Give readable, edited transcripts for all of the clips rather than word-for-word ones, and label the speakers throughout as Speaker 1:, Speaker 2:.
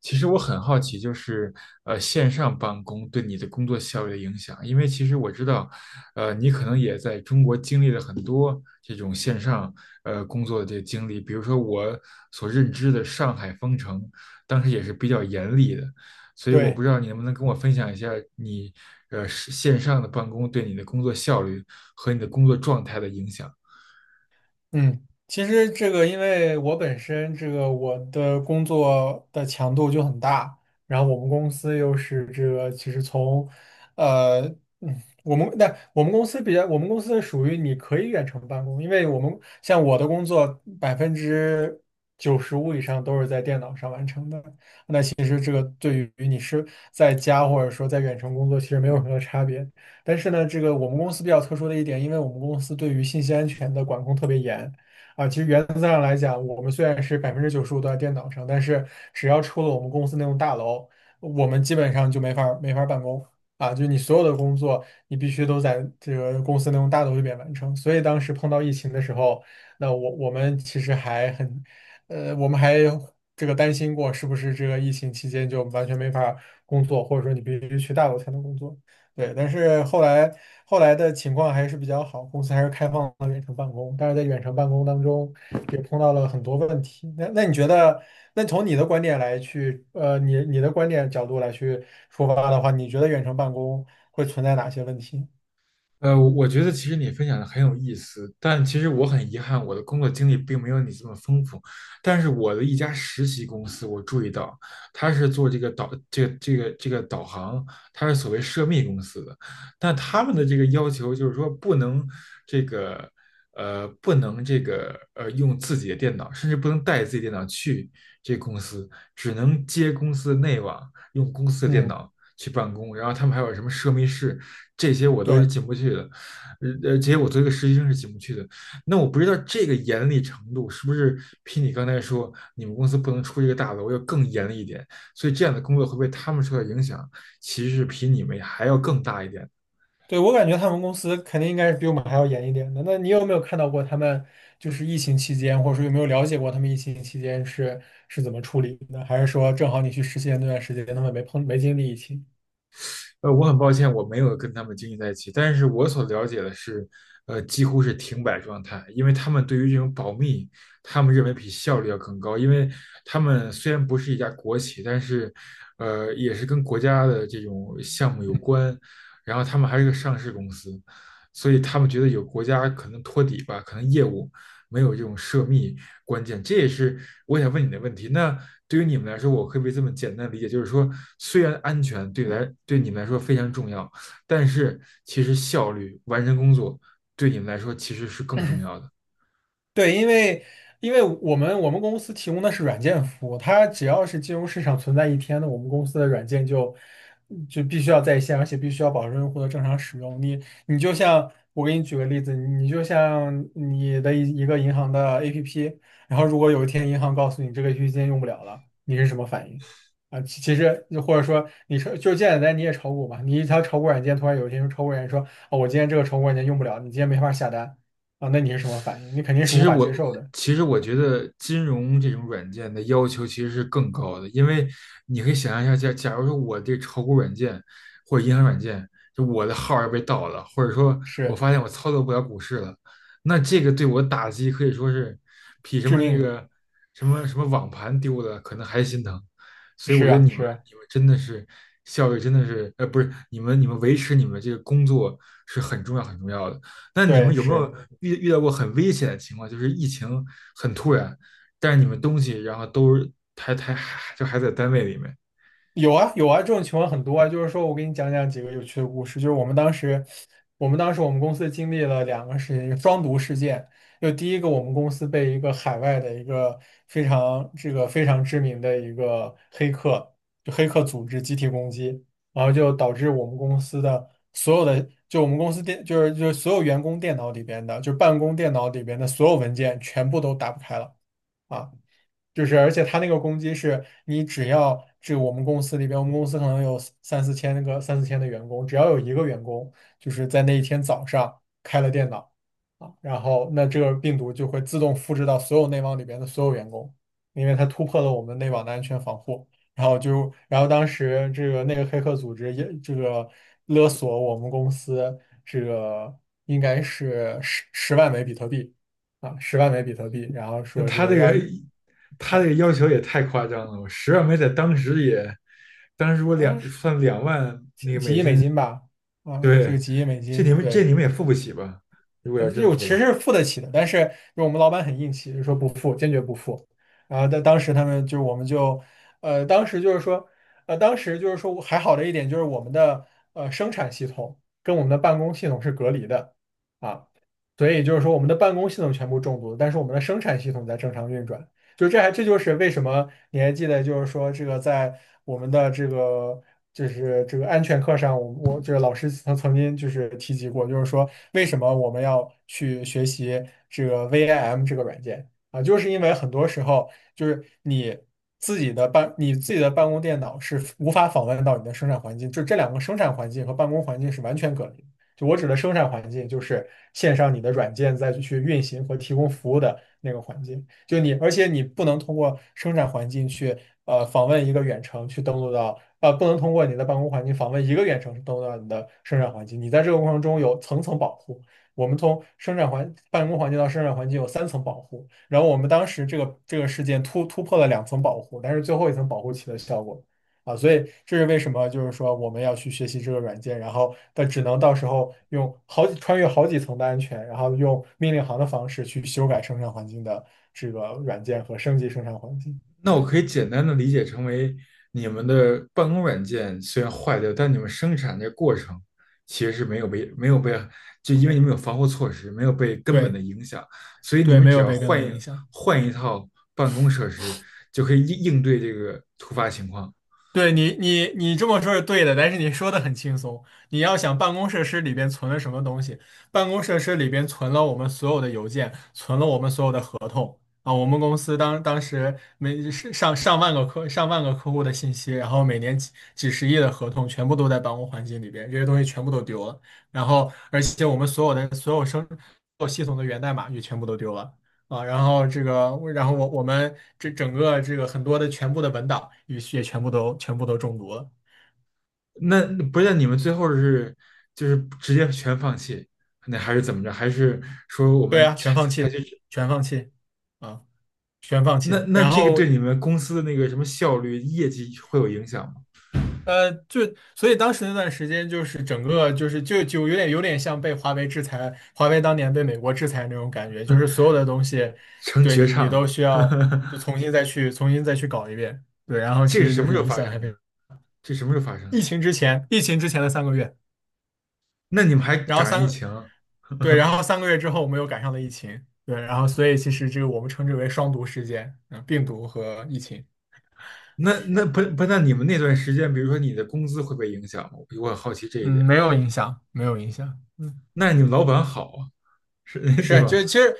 Speaker 1: 其实我很好奇，就是线上办公对你的工作效率的影响，因为其实我知道，你可能也在中国经历了很多这种线上工作的这个经历，比如说我所认知的上海封城，当时也是比较严厉的，所以我不
Speaker 2: 对，
Speaker 1: 知道你能不能跟我分享一下你是线上的办公对你的工作效率和你的工作状态的影响。
Speaker 2: 嗯，其实这个，因为我本身这个我的工作的强度就很大。然后我们公司又是这个，其实从，呃，嗯，我们那我们公司属于你可以远程办公。因为我们像我的工作百分之九十五以上都是在电脑上完成的，其实这个对于你是在家或者说在远程工作，其实没有什么差别。但是呢，这个我们公司比较特殊的一点，因为我们公司对于信息安全的管控特别严啊。其实原则上来讲，我们虽然是百分之九十五都在电脑上，但是只要出了我们公司那栋大楼，我们基本上就没法儿办公啊。就你所有的工作，你必须都在这个公司那栋大楼里边完成。所以当时碰到疫情的时候，那我们其实还很，我们还这个担心过，是不是这个疫情期间就完全没法工作，或者说你必须去大陆才能工作？对，但是后来的情况还是比较好，公司还是开放了远程办公，但是在远程办公当中也碰到了很多问题。那你觉得，那从你的观点来去，你的观点角度来去出发的话，你觉得远程办公会存在哪些问题？
Speaker 1: 我觉得其实你分享的很有意思，但其实我很遗憾，我的工作经历并没有你这么丰富。但是我的一家实习公司，我注意到它是做这个导这个这个这个导航，它是所谓涉密公司的。但他们的这个要求就是说，不能这个不能这个用自己的电脑，甚至不能带自己电脑去这个公司，只能接公司的内网，用公司的电
Speaker 2: 嗯，
Speaker 1: 脑。去办公，然后他们还有什么奢密室，这些我都是
Speaker 2: 对。
Speaker 1: 进不去的，这些我作为一个实习生是进不去的。那我不知道这个严厉程度是不是比你刚才说你们公司不能出这个大楼要更严厉一点，所以这样的工作会被他们受到影响，其实是比你们还要更大一点。
Speaker 2: 对，我感觉他们公司肯定应该是比我们还要严一点的。那你有没有看到过他们就是疫情期间，或者说有没有了解过他们疫情期间是怎么处理的？还是说正好你去实习那段时间，他们没碰没经历疫情？
Speaker 1: 我很抱歉，我没有跟他们经营在一起，但是我所了解的是，几乎是停摆状态，因为他们对于这种保密，他们认为比效率要更高，因为他们虽然不是一家国企，但是，也是跟国家的这种项目有
Speaker 2: 嗯
Speaker 1: 关，然后他们还是个上市公司，所以他们觉得有国家可能托底吧，可能业务没有这种涉密关键。这也是我想问你的问题。那对于你们来说，我可不可以这么简单理解，就是说，虽然安全对你们来说非常重要，但是其实效率、完成工作对你们来说其实是更重要的。
Speaker 2: 对，因为我们公司提供的是软件服务，它只要是金融市场存在一天的，我们公司的软件就必须要在线，而且必须要保证用户的正常使用。你就像我给你举个例子，你就像你的一个银行的 APP，然后如果有一天银行告诉你这个 APP 今天用不了了，你是什么反应？啊，其实或者说你说就是简单，你也炒股嘛，你一条炒股软件突然有一天用炒股软件说，哦，我今天这个炒股软件用不了，你今天没法下单。啊，那你是什么反应？你肯定是
Speaker 1: 其
Speaker 2: 无
Speaker 1: 实
Speaker 2: 法
Speaker 1: 我
Speaker 2: 接受的，
Speaker 1: 其实我觉得金融这种软件的要求其实是更高的，因为你可以想象一下，假如说我这炒股软件或者银行软件，就我的号要被盗了，或者说我
Speaker 2: 是
Speaker 1: 发现我操作不了股市了，那这个对我打击可以说是比什
Speaker 2: 致
Speaker 1: 么那
Speaker 2: 命的。
Speaker 1: 个什么网盘丢的可能还心疼。所以我
Speaker 2: 是
Speaker 1: 觉得
Speaker 2: 啊，是啊，
Speaker 1: 你们真的是效率真的是不是你们维持你们这个工作是很重要很重要的。那你们
Speaker 2: 对，
Speaker 1: 有没有
Speaker 2: 是。
Speaker 1: 遇到过很危险的情况？就是疫情很突然，但是你们东西然后都还就还在单位里面。
Speaker 2: 有啊有啊，这种情况很多啊。就是说我给你讲讲几个有趣的故事。就是我们当时，我们当时我们公司经历了两个事情，一个双毒事件。就第一个，我们公司被一个海外的一个非常这个非常知名的一个黑客，就黑客组织集体攻击，然后就导致我们公司的所有的，就我们公司电，就是所有员工电脑里边的，就办公电脑里边的所有文件全部都打不开了。啊。就是而且他那个攻击是你只要这我们公司里边，我们公司可能有三四千的员工，只要有一个员工就是在那一天早上开了电脑啊，然后那这个病毒就会自动复制到所有内网里边的所有员工，因为它突破了我们内网的安全防护。然后就，然后当时这个那个黑客组织也这个勒索我们公司这个应该是十万枚比特币啊，十万枚比特币，然后
Speaker 1: 那
Speaker 2: 说这个要。
Speaker 1: 他这个要求也太夸张了，我十万美在当时也，当时我
Speaker 2: 呃
Speaker 1: 两万那个
Speaker 2: 几
Speaker 1: 美
Speaker 2: 亿美
Speaker 1: 金，
Speaker 2: 金吧，啊，这个
Speaker 1: 对，
Speaker 2: 几亿美
Speaker 1: 这
Speaker 2: 金，对，
Speaker 1: 你们也付不起吧？如果要
Speaker 2: 这
Speaker 1: 真
Speaker 2: 我其
Speaker 1: 付的
Speaker 2: 实
Speaker 1: 话。
Speaker 2: 是付得起的，但是就我们老板很硬气，就说不付。然后在当时他们就是我们就，当时就是说，当时就是说还好的一点就是我们的生产系统跟我们的办公系统是隔离的啊。所以就是说我们的办公系统全部中毒了，但是我们的生产系统在正常运转，就这还这就是为什么你还记得就是说这个在我们的这个。就是这个安全课上，我这个老师曾经就是提及过，就是说为什么我们要去学习这个 VIM 这个软件。啊，就是因为很多时候就是你自己的办你自己的办公电脑是无法访问到你的生产环境，就这两个生产环境和办公环境是完全隔离的，就我指的生产环境，就是线上你的软件再去运行和提供服务的那个环境。就你，而且你不能通过生产环境去访问一个远程去登录到，不能通过你的办公环境访问一个远程去登录到你的生产环境。你在这个过程中有层层保护。我们从生产环办公环境到生产环境有三层保护。然后我们当时这个这个事件突破了两层保护，但是最后一层保护起了效果啊。所以这是为什么就是说我们要去学习这个软件，然后但只能到时候用好几穿越好几层的安全，然后用命令行的方式去修改生产环境的这个软件和升级生产环境。
Speaker 1: 那我
Speaker 2: 对
Speaker 1: 可以简单的理解成为你们的办公软件虽然坏掉，但你们生产这过程其实是没有被，就因为你们有防护措施，没有被根本
Speaker 2: 对
Speaker 1: 的影响，所以你
Speaker 2: 对，
Speaker 1: 们
Speaker 2: 没
Speaker 1: 只
Speaker 2: 有
Speaker 1: 要
Speaker 2: 被根本影响。
Speaker 1: 换一套办公设施，就可以应对这个突发情况。
Speaker 2: 对。你这么说是对的，但是你说的很轻松。你要想办公设施里边存了什么东西，办公设施里边存了我们所有的邮件，存了我们所有的合同啊。我们公司当时每是上万个客户的信息，然后每年几十亿的合同全部都在办公环境里边，这些东西全部都丢了。然后，而且我们所有的所有系统的源代码也全部都丢了。啊，然后这个，然后我们这整个这个很多的全部的文档也全部都中毒了。
Speaker 1: 那不是那你们最后是就是直接全放弃，那还是怎么着？还是说我
Speaker 2: 对
Speaker 1: 们
Speaker 2: 啊，全放
Speaker 1: 采
Speaker 2: 弃，
Speaker 1: 取
Speaker 2: 全放弃，啊，全放
Speaker 1: 那
Speaker 2: 弃。然
Speaker 1: 对
Speaker 2: 后
Speaker 1: 你们公司的那个什么效率、业绩会有影响吗？
Speaker 2: 就所以当时那段时间就是整个就是有点像被华为制裁，华为当年被美国制裁那种感觉。就是所有的东西，
Speaker 1: 成
Speaker 2: 对，
Speaker 1: 绝
Speaker 2: 你
Speaker 1: 唱
Speaker 2: 你都
Speaker 1: 了。
Speaker 2: 需要就 重新再去搞一遍。对，然后其
Speaker 1: 这是
Speaker 2: 实
Speaker 1: 什
Speaker 2: 就
Speaker 1: 么时
Speaker 2: 是
Speaker 1: 候
Speaker 2: 影
Speaker 1: 发
Speaker 2: 响
Speaker 1: 生
Speaker 2: 还
Speaker 1: 的？
Speaker 2: 被
Speaker 1: 这什么时候发生
Speaker 2: 疫
Speaker 1: 的？
Speaker 2: 情之前，疫情之前的三个月。
Speaker 1: 那你们还
Speaker 2: 然后
Speaker 1: 赶上疫
Speaker 2: 三，
Speaker 1: 情？
Speaker 2: 对，然后 3个月之后我们又赶上了疫情。对，然后所以其实这个我们称之为双毒事件，病毒和疫情。
Speaker 1: 那那不不，那你们那段时间，比如说你的工资会被影响吗？我很好奇这一
Speaker 2: 嗯，
Speaker 1: 点。
Speaker 2: 没有影响，没有影响，
Speaker 1: 那你们老板好啊，是 对
Speaker 2: 是，
Speaker 1: 吧？
Speaker 2: 就其实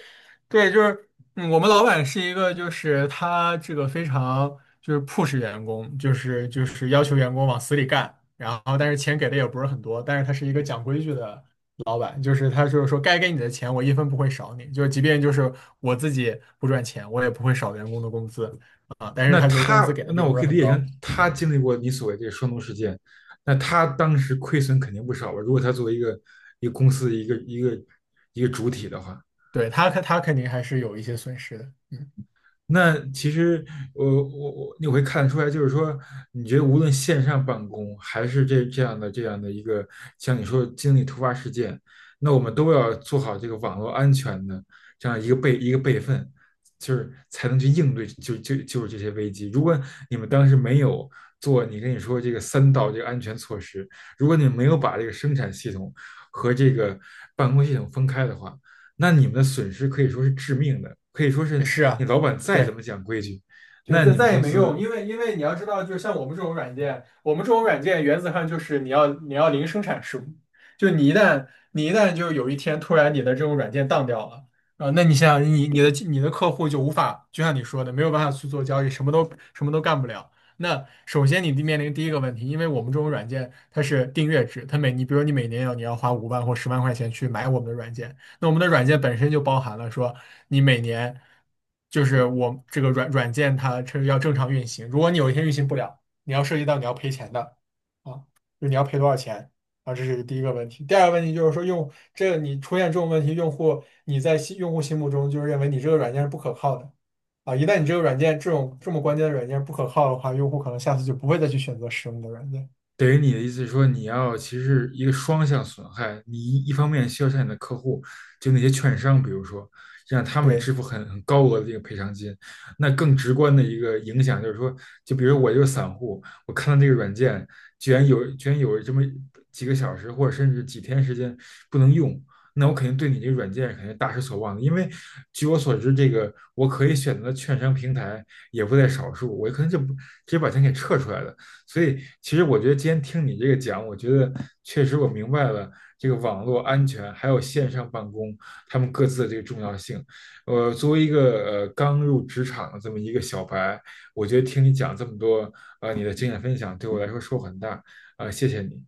Speaker 2: 对，就是我们老板是一个，就是他这个非常就是 push 员工，就是要求员工往死里干，然后但是钱给的也不是很多，但是他是一个讲规矩的老板，就是他就是说该给你的钱我一分不会少你，就是即便就是我自己不赚钱，我也不会少员工的工资啊，但是
Speaker 1: 那
Speaker 2: 他就是工资
Speaker 1: 他，
Speaker 2: 给的
Speaker 1: 那
Speaker 2: 并
Speaker 1: 我
Speaker 2: 不是
Speaker 1: 可以理
Speaker 2: 很
Speaker 1: 解成
Speaker 2: 高，
Speaker 1: 他经历过你所谓这个双农事件，那他当时亏损肯定不少吧？如果他作为一个一个公司的一个一个主体的话，
Speaker 2: 对，他肯定还是有一些损失的，
Speaker 1: 那其实我你会看得出来，就是说，你觉得无论线上办公还是这样的这样的一个，像你说的经历突发事件，那我们都要做好这个网络安全的这样一个一个备份，就是才能去应对就是这些危机。如果你们当时没有做你跟你说这个三道这个安全措施，如果你没有把这个生产系统和这个办公系统分开的话，那你们的损失可以说是致命的，可以说是
Speaker 2: 是
Speaker 1: 你
Speaker 2: 啊。
Speaker 1: 老板再怎
Speaker 2: 对，
Speaker 1: 么讲规矩，
Speaker 2: 就
Speaker 1: 那
Speaker 2: 再
Speaker 1: 你们
Speaker 2: 再也
Speaker 1: 公
Speaker 2: 没用，
Speaker 1: 司
Speaker 2: 因为你要知道，就是像我们这种软件，我们这种软件原则上就是你要零生产事就你一旦就有一天突然你的这种软件当掉了啊、那你想想你的客户就无法，就像你说的，没有办法去做交易，什么都干不了。那首先你面临第一个问题，因为我们这种软件它是订阅制，它每你比如你每年要你要花5万或10万块钱去买我们的软件，那我们的软件本身就包含了说，你每年就是我这个软件它这要正常运行，如果你有一天运行不了，你要涉及到你要赔钱的啊，就你要赔多少钱啊，这是第一个问题。第二个问题就是说用这个你出现这种问题，用户你在心用户心目中就是认为你这个软件是不可靠的啊，一旦你这个软件这种这么关键的软件不可靠的话，用户可能下次就不会再去选择使用你的软件。
Speaker 1: 等于你的意思是说，你要其实是一个双向损害，你一方面需要向你的客户，就那些券商，比如说让他们
Speaker 2: 对。
Speaker 1: 支付很高额的这个赔偿金，那更直观的一个影响就是说，就比如我就是散户，我看到这个软件居然有这么几个小时或者甚至几天时间不能用，那我肯定对你这个软件肯定大失所望的，因为据我所知，这个我可以选择的券商平台也不在少数，我可能就不直接把钱给撤出来了。所以，其实我觉得今天听你这个讲，我觉得确实我明白了这个网络安全还有线上办公他们各自的这个重要性。作为一个刚入职场的这么一个小白，我觉得听你讲这么多，你的经验分享对我来说收获很大，谢谢你。